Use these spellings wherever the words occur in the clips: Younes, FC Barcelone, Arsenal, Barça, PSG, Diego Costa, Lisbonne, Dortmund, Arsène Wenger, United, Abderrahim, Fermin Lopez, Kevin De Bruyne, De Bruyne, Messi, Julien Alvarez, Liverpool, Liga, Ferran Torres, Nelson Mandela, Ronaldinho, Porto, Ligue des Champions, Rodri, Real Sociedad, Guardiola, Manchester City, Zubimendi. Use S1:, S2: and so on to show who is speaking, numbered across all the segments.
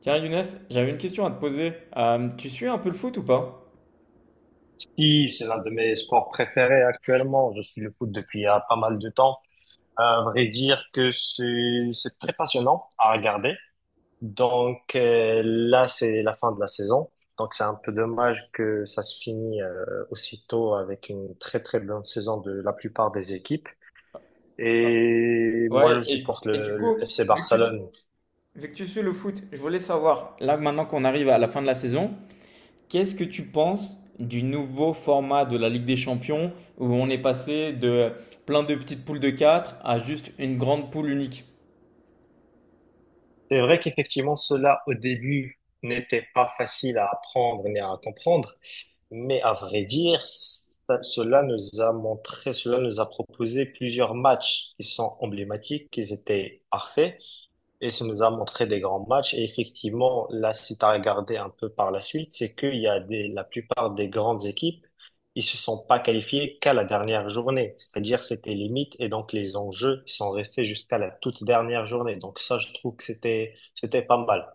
S1: Tiens Younes, j'avais une question à te poser. Tu suis un peu le foot ou pas?
S2: Oui, c'est l'un de mes sports préférés actuellement. Je suis le foot depuis pas mal de temps. À vrai dire que c'est très passionnant à regarder. Donc là, c'est la fin de la saison. Donc c'est un peu dommage que ça se finit aussitôt avec une très très bonne saison de la plupart des équipes. Et moi,
S1: Ouais,
S2: je
S1: et,
S2: supporte
S1: et du
S2: le
S1: coup,
S2: FC Barcelone.
S1: vu que tu suis le foot, je voulais savoir, là maintenant qu'on arrive à la fin de la saison, qu'est-ce que tu penses du nouveau format de la Ligue des Champions où on est passé de plein de petites poules de 4 à juste une grande poule unique?
S2: C'est vrai qu'effectivement, cela au début n'était pas facile à apprendre ni à comprendre. Mais à vrai dire, cela nous a montré, cela nous a proposé plusieurs matchs qui sont emblématiques, qui étaient parfaits, et ça nous a montré des grands matchs. Et effectivement, là, si tu as regardé un peu par la suite, c'est qu'il y a la plupart des grandes équipes, ils se sont pas qualifiés qu'à la dernière journée. C'est-à-dire, c'était limite, et donc les enjeux sont restés jusqu'à la toute dernière journée. Donc ça, je trouve que c'était pas mal.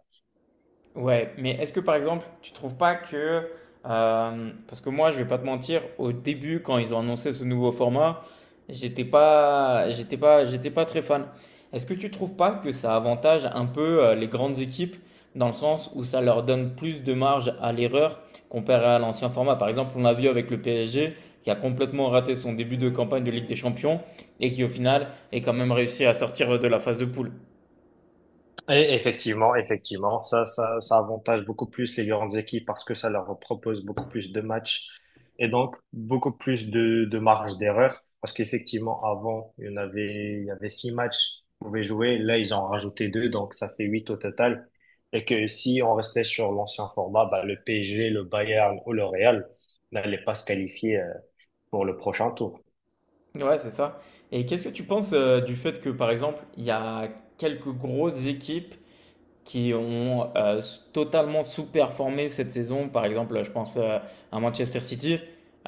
S1: Ouais, mais est-ce que par exemple, tu trouves pas que, parce que moi, je vais pas te mentir, au début, quand ils ont annoncé ce nouveau format, j'étais pas très fan. Est-ce que tu trouves pas que ça avantage un peu les grandes équipes dans le sens où ça leur donne plus de marge à l'erreur comparé à l'ancien format? Par exemple, on a vu avec le PSG qui a complètement raté son début de campagne de Ligue des Champions et qui au final est quand même réussi à sortir de la phase de poule.
S2: Et effectivement, ça avantage beaucoup plus les grandes équipes parce que ça leur propose beaucoup plus de matchs et donc beaucoup plus de marge d'erreur. Parce qu'effectivement, avant, il y avait six matchs qu'on pouvait jouer. Là, ils en ont rajouté deux, donc ça fait huit au total. Et que si on restait sur l'ancien format, bah, le PSG, le Bayern ou le Real n'allaient pas se qualifier pour le prochain tour.
S1: Ouais, c'est ça. Et qu'est-ce que tu penses du fait que, par exemple, il y a quelques grosses équipes qui ont totalement sous-performé cette saison. Par exemple, je pense à Manchester City,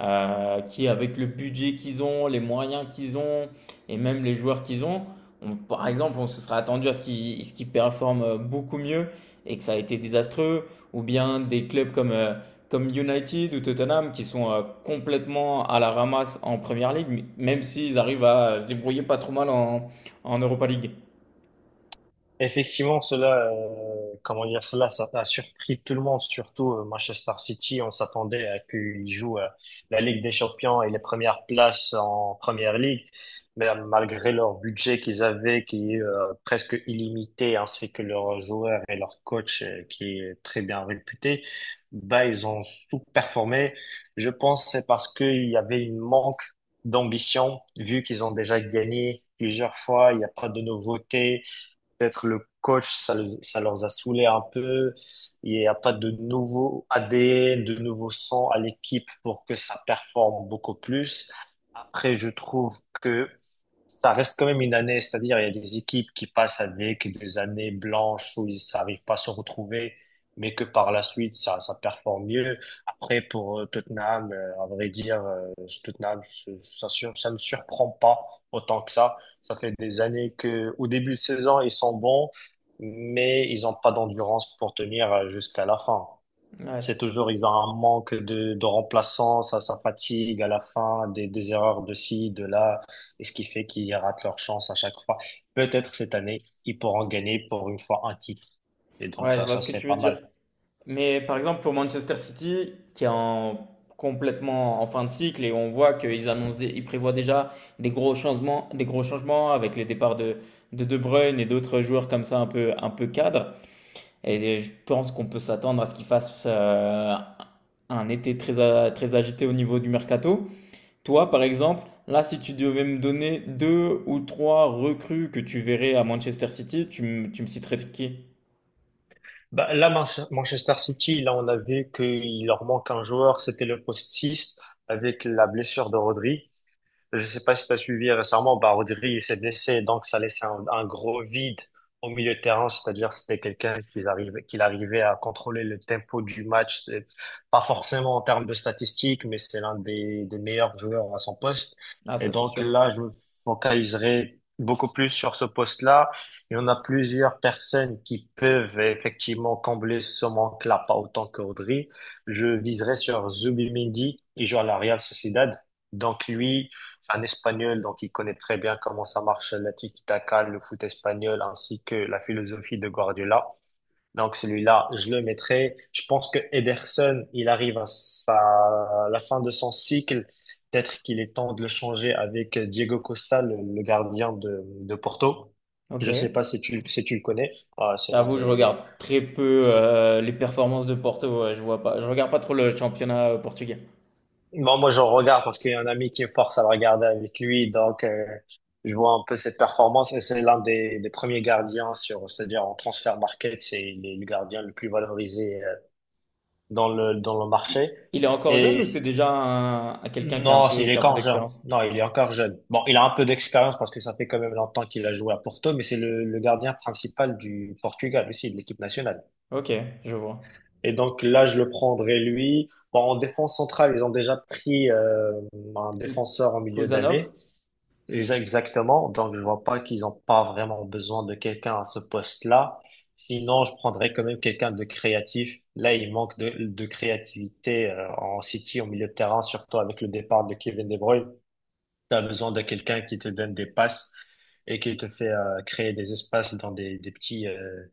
S1: qui avec le budget qu'ils ont, les moyens qu'ils ont, et même les joueurs qu'ils ont, par exemple, on se serait attendu à ce qu'ils performent beaucoup mieux et que ça a été désastreux. Ou bien des clubs comme, comme United ou Tottenham, qui sont complètement à la ramasse en Première League, même s'ils arrivent à se débrouiller pas trop mal en, en Europa League.
S2: Effectivement, cela, comment dire, cela, ça a surpris tout le monde, surtout Manchester City. On s'attendait à qu'ils jouent la Ligue des Champions et les premières places en Première Ligue, mais malgré leur budget qu'ils avaient, qui est presque illimité, ainsi que leurs joueurs et leur coach qui est très bien réputé, bah ils ont sous-performé. Je pense que c'est parce qu'il y avait une manque d'ambition, vu qu'ils ont déjà gagné plusieurs fois, il n'y a pas de nouveauté. Peut-être le coach, ça, ça leur a saoulé un peu. Il n'y a pas de nouveau ADN, de nouveau sang à l'équipe pour que ça performe beaucoup plus. Après, je trouve que ça reste quand même une année, c'est-à-dire il y a des équipes qui passent avec des années blanches où ils n'arrivent pas à se retrouver, mais que par la suite, ça performe mieux. Après, pour Tottenham, à vrai dire, Tottenham, ça, ça me surprend pas autant que ça. Ça fait des années que, au début de saison, ils sont bons, mais ils n'ont pas d'endurance pour tenir jusqu'à la fin.
S1: Ouais, c-
S2: C'est toujours, ils ont un manque de remplaçants, ça fatigue à la fin, des erreurs de ci, de là, et ce qui fait qu'ils ratent leur chance à chaque fois. Peut-être cette année, ils pourront gagner pour une fois un titre. Et donc,
S1: ouais, je
S2: ça,
S1: vois
S2: ça
S1: ce que
S2: serait
S1: tu veux
S2: pas
S1: dire.
S2: mal.
S1: Mais par exemple, pour Manchester City, complètement en fin de cycle et on voit qu'ils ils prévoient déjà des gros changements avec les départs de De Bruyne et d'autres joueurs comme ça un peu cadres. Et je pense qu'on peut s'attendre à ce qu'ils fassent un été très agité au niveau du mercato. Toi, par exemple, là, si tu devais me donner deux ou trois recrues que tu verrais à Manchester City, tu me citerais qui?
S2: Bah, là, Manchester City, là, on a vu qu'il leur manque un joueur, c'était le poste 6, avec la blessure de Rodri. Je sais pas si tu as suivi récemment, bah, Rodri s'est blessé, donc ça laissait un gros vide au milieu de terrain, c'est-à-dire c'était quelqu'un qui arrivait à contrôler le tempo du match. C'est pas forcément en termes de statistiques, mais c'est l'un des meilleurs joueurs à son poste.
S1: Ah,
S2: Et
S1: ça, c'est
S2: donc
S1: sûr.
S2: là, je me focaliserai beaucoup plus sur ce poste-là. Il y en a plusieurs personnes qui peuvent effectivement combler ce manque-là, pas autant que Rodri. Je viserai sur Zubimendi, il joue à la Real Sociedad. Donc lui, c'est un Espagnol, donc il connaît très bien comment ça marche la tiki-taka, le foot espagnol, ainsi que la philosophie de Guardiola. Donc celui-là, je le mettrai. Je pense que Ederson, il arrive à la fin de son cycle. Peut-être qu'il est temps de le changer avec Diego Costa, le gardien de Porto.
S1: Ok.
S2: Je sais pas si tu le connais. Ah,
S1: Je
S2: c'est l'un
S1: t'avoue, je
S2: des.
S1: regarde très peu les performances de Porto. Ouais, je vois pas. Je regarde pas trop le championnat portugais.
S2: Bon, moi, je regarde parce qu'il y a un ami qui me force à le regarder avec lui. Donc, je vois un peu cette performance. Et c'est l'un des premiers gardiens sur, c'est-à-dire en transfer market, c'est il est le gardien le plus valorisé dans le
S1: Il,
S2: marché.
S1: il est encore
S2: Et
S1: jeune ou c'est déjà un quelqu'un qui a un
S2: non,
S1: peu,
S2: il est
S1: qui a un peu
S2: encore jeune.
S1: d'expérience?
S2: Non, il est encore jeune. Bon, il a un peu d'expérience parce que ça fait quand même longtemps qu'il a joué à Porto, mais c'est le gardien principal du Portugal aussi, de l'équipe nationale.
S1: Ok, je vois.
S2: Et donc là, je le prendrai lui. Bon, en défense centrale, ils ont déjà pris un défenseur en milieu
S1: Kuzanov?
S2: d'année. Exactement. Donc je vois pas qu'ils ont pas vraiment besoin de quelqu'un à ce poste-là. Sinon, je prendrais quand même quelqu'un de créatif. Là, il manque de créativité en City, au milieu de terrain, surtout avec le départ de Kevin De Bruyne. Tu as besoin de quelqu'un qui te donne des passes et qui te fait créer des espaces dans des, des petits, euh,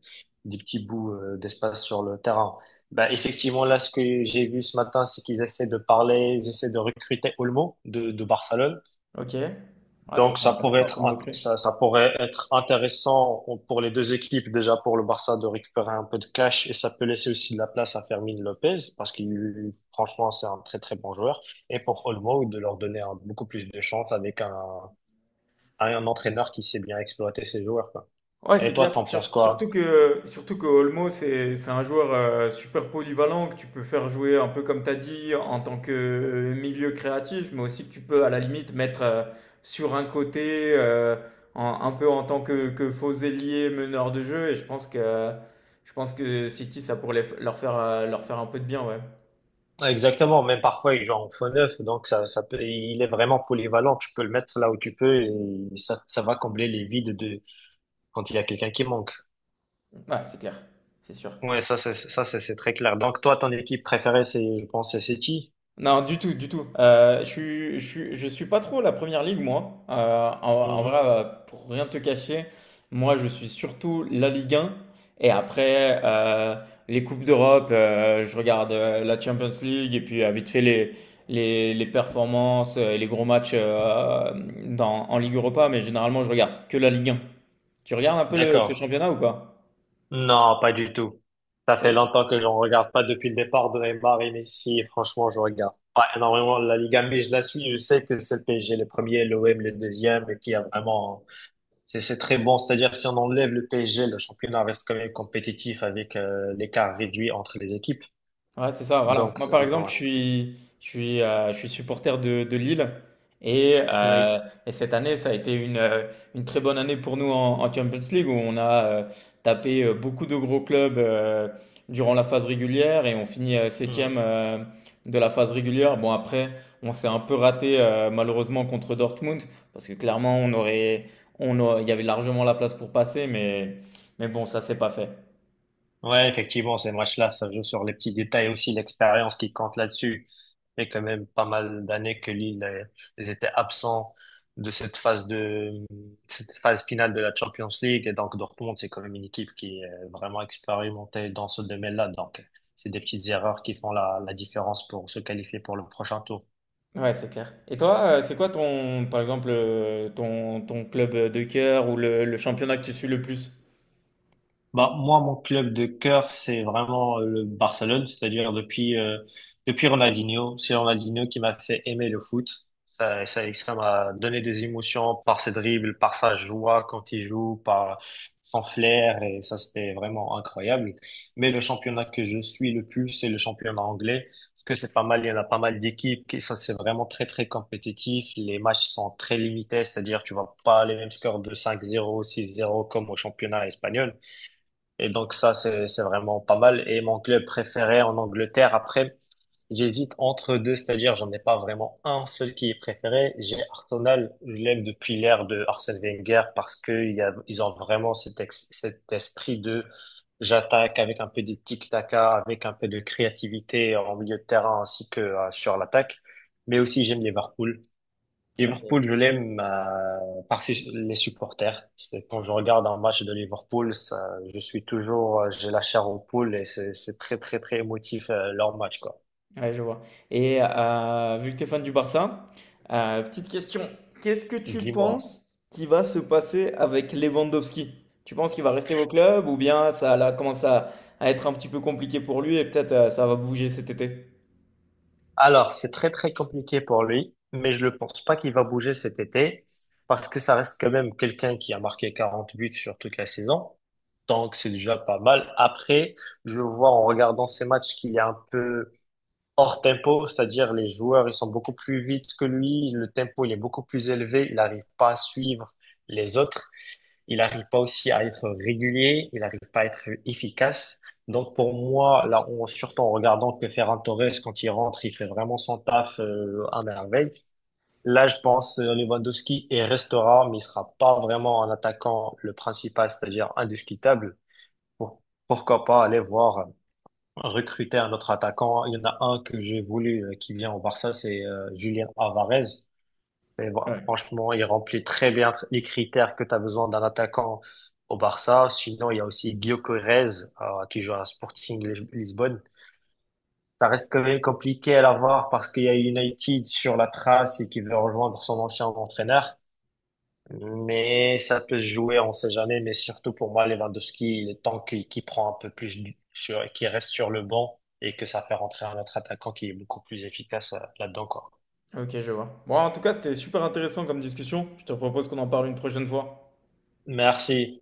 S2: des petits bouts d'espace sur le terrain. Bah, effectivement, là, ce que j'ai vu ce matin, c'est qu'ils essaient de parler, ils essaient de recruter Olmo de Barcelone.
S1: Ok. Ouais, ça
S2: Donc,
S1: c'est
S2: ça pourrait
S1: intéressant
S2: être,
S1: comme
S2: int-
S1: recrue.
S2: ça, ça pourrait être intéressant pour les deux équipes, déjà pour le Barça, de récupérer un peu de cash et ça peut laisser aussi de la place à Fermin Lopez parce qu'il, franchement, c'est un très, très bon joueur. Et pour Olmo, de leur donner beaucoup plus de chance à un entraîneur qui sait bien exploiter ses joueurs, quoi.
S1: Ouais,
S2: Et
S1: c'est
S2: toi,
S1: clair.
S2: t'en penses quoi?
S1: Surtout que Olmo, c'est un joueur super polyvalent que tu peux faire jouer un peu comme tu as dit en tant que milieu créatif, mais aussi que tu peux à la limite mettre sur un côté, un peu en tant que faux ailier, meneur de jeu. Et je pense que City, ça pourrait leur faire un peu de bien, ouais.
S2: Exactement, même parfois il joue en faux neuf, donc ça peut, il est vraiment polyvalent. Tu peux le mettre là où tu peux et ça va combler les vides de quand il y a quelqu'un qui manque.
S1: Ouais, c'est clair. C'est sûr.
S2: Ouais, ça c'est très clair. Donc toi, ton équipe préférée, c'est je pense c'est City.
S1: Non, du tout, du tout. Je suis pas trop la première ligue, moi. En vrai,
S2: Mhm.
S1: pour rien te cacher, moi, je suis surtout la Ligue 1. Et après, les Coupes d'Europe, je regarde la Champions League et puis vite fait les performances et les gros matchs en Ligue Europa. Mais généralement, je regarde que la Ligue 1. Tu regardes un peu ce
S2: D'accord.
S1: championnat ou pas?
S2: Non, pas du tout. Ça fait longtemps que j'en regarde pas depuis le départ de Neymar et Messi. Franchement, je regarde pas énormément la Liga, mais je la suis. Je sais que c'est le PSG le premier, l'OM le deuxième, et qui a vraiment. C'est très bon. C'est-à-dire, si on enlève le PSG, le championnat reste quand même compétitif avec l'écart réduit entre les équipes.
S1: Ouais, c'est ça, voilà.
S2: Donc,
S1: Moi, par exemple,
S2: ouais.
S1: je suis supporter de Lille. Et, euh,
S2: Oui.
S1: et cette année, ça a été une très bonne année pour nous en, en Champions League, où on a tapé beaucoup de gros clubs durant la phase régulière et on finit
S2: Mm.
S1: septième de la phase régulière. Bon, après, on s'est un peu raté malheureusement contre Dortmund, parce que clairement, il y avait largement la place pour passer, mais bon, ça s'est pas fait.
S2: Ouais, effectivement, ces matchs-là, ça joue sur les petits détails aussi, l'expérience qui compte là-dessus. Il y a quand même pas mal d'années que Lille ils étaient absents de cette phase finale de la Champions League. Et donc, Dortmund, c'est quand même une équipe qui est vraiment expérimentée dans ce domaine-là. Donc, c'est des petites erreurs qui font la différence pour se qualifier pour le prochain tour.
S1: Ouais, c'est clair. Et toi, c'est quoi ton, par exemple, ton club de cœur ou le championnat que tu suis le plus?
S2: Bah, moi, mon club de cœur, c'est vraiment le Barcelone, c'est-à-dire depuis Ronaldinho. C'est Ronaldinho qui m'a fait aimer le foot. Ça m'a donné des émotions par ses dribbles, par sa joie quand il joue, par son flair, et ça, c'était vraiment incroyable. Mais le championnat que je suis le plus, c'est le championnat anglais. Parce que c'est pas mal, il y en a pas mal d'équipes qui, ça, c'est vraiment très, très compétitif. Les matchs sont très limités, c'est-à-dire, tu vois pas les mêmes scores de 5-0, 6-0 comme au championnat espagnol. Et donc ça, c'est vraiment pas mal. Et mon club préféré en Angleterre, après, j'hésite entre deux, c'est-à-dire j'en ai pas vraiment un seul qui est préféré. J'ai Arsenal, je l'aime depuis l'ère de Arsène Wenger parce que ils ont vraiment cet esprit de j'attaque avec un peu de tic-taca, avec un peu de créativité en milieu de terrain ainsi que sur l'attaque. Mais aussi j'aime Liverpool. Liverpool,
S1: Ok,
S2: je l'aime par les supporters. Quand je regarde un match de Liverpool, ça, je suis toujours, j'ai la chair aux poules et c'est très très très émotif leur match quoi.
S1: ouais, je vois. Et vu que tu es fan du Barça, petite question. Qu'est-ce que tu
S2: Dis-moi.
S1: penses qui va se passer avec Lewandowski? Tu penses qu'il va rester au club ou bien ça là, commence à être un petit peu compliqué pour lui et peut-être ça va bouger cet été?
S2: Alors, c'est très très compliqué pour lui, mais je ne pense pas qu'il va bouger cet été parce que ça reste quand même quelqu'un qui a marqué 40 buts sur toute la saison. Donc, c'est déjà pas mal. Après, je vois en regardant ces matchs qu'il est un peu hors tempo, c'est-à-dire les joueurs, ils sont beaucoup plus vite que lui, le tempo, il est beaucoup plus élevé, il n'arrive pas à suivre les autres, il n'arrive pas aussi à être régulier, il n'arrive pas à être efficace. Donc pour moi, là, surtout en regardant que Ferran Torres, quand il rentre, il fait vraiment son taf à merveille. Là, je pense Lewandowski et restera, mais il sera pas vraiment un attaquant le principal, c'est-à-dire indiscutable. Pour- Pourquoi pas aller voir recruter un autre attaquant. Il y en a un que j'ai voulu qui vient au Barça, c'est Julien Alvarez. Et bon,
S1: Ouais.
S2: franchement, il remplit très bien les critères que tu as besoin d'un attaquant au Barça. Sinon, il y a aussi Guillaume Corrèze qui joue à Sporting Lisbonne. Ça reste quand même compliqué à l'avoir parce qu'il y a United sur la trace et qui veut rejoindre son ancien entraîneur. Mais ça peut se jouer, on sait jamais. Mais surtout pour moi, Lewandowski, il est temps qu'il prend un peu plus qu'il reste sur le banc et que ça fait rentrer un autre attaquant qui est beaucoup plus efficace là-dedans, quoi.
S1: Ok, je vois. Bon, en tout cas, c'était super intéressant comme discussion. Je te propose qu'on en parle une prochaine fois.
S2: Merci.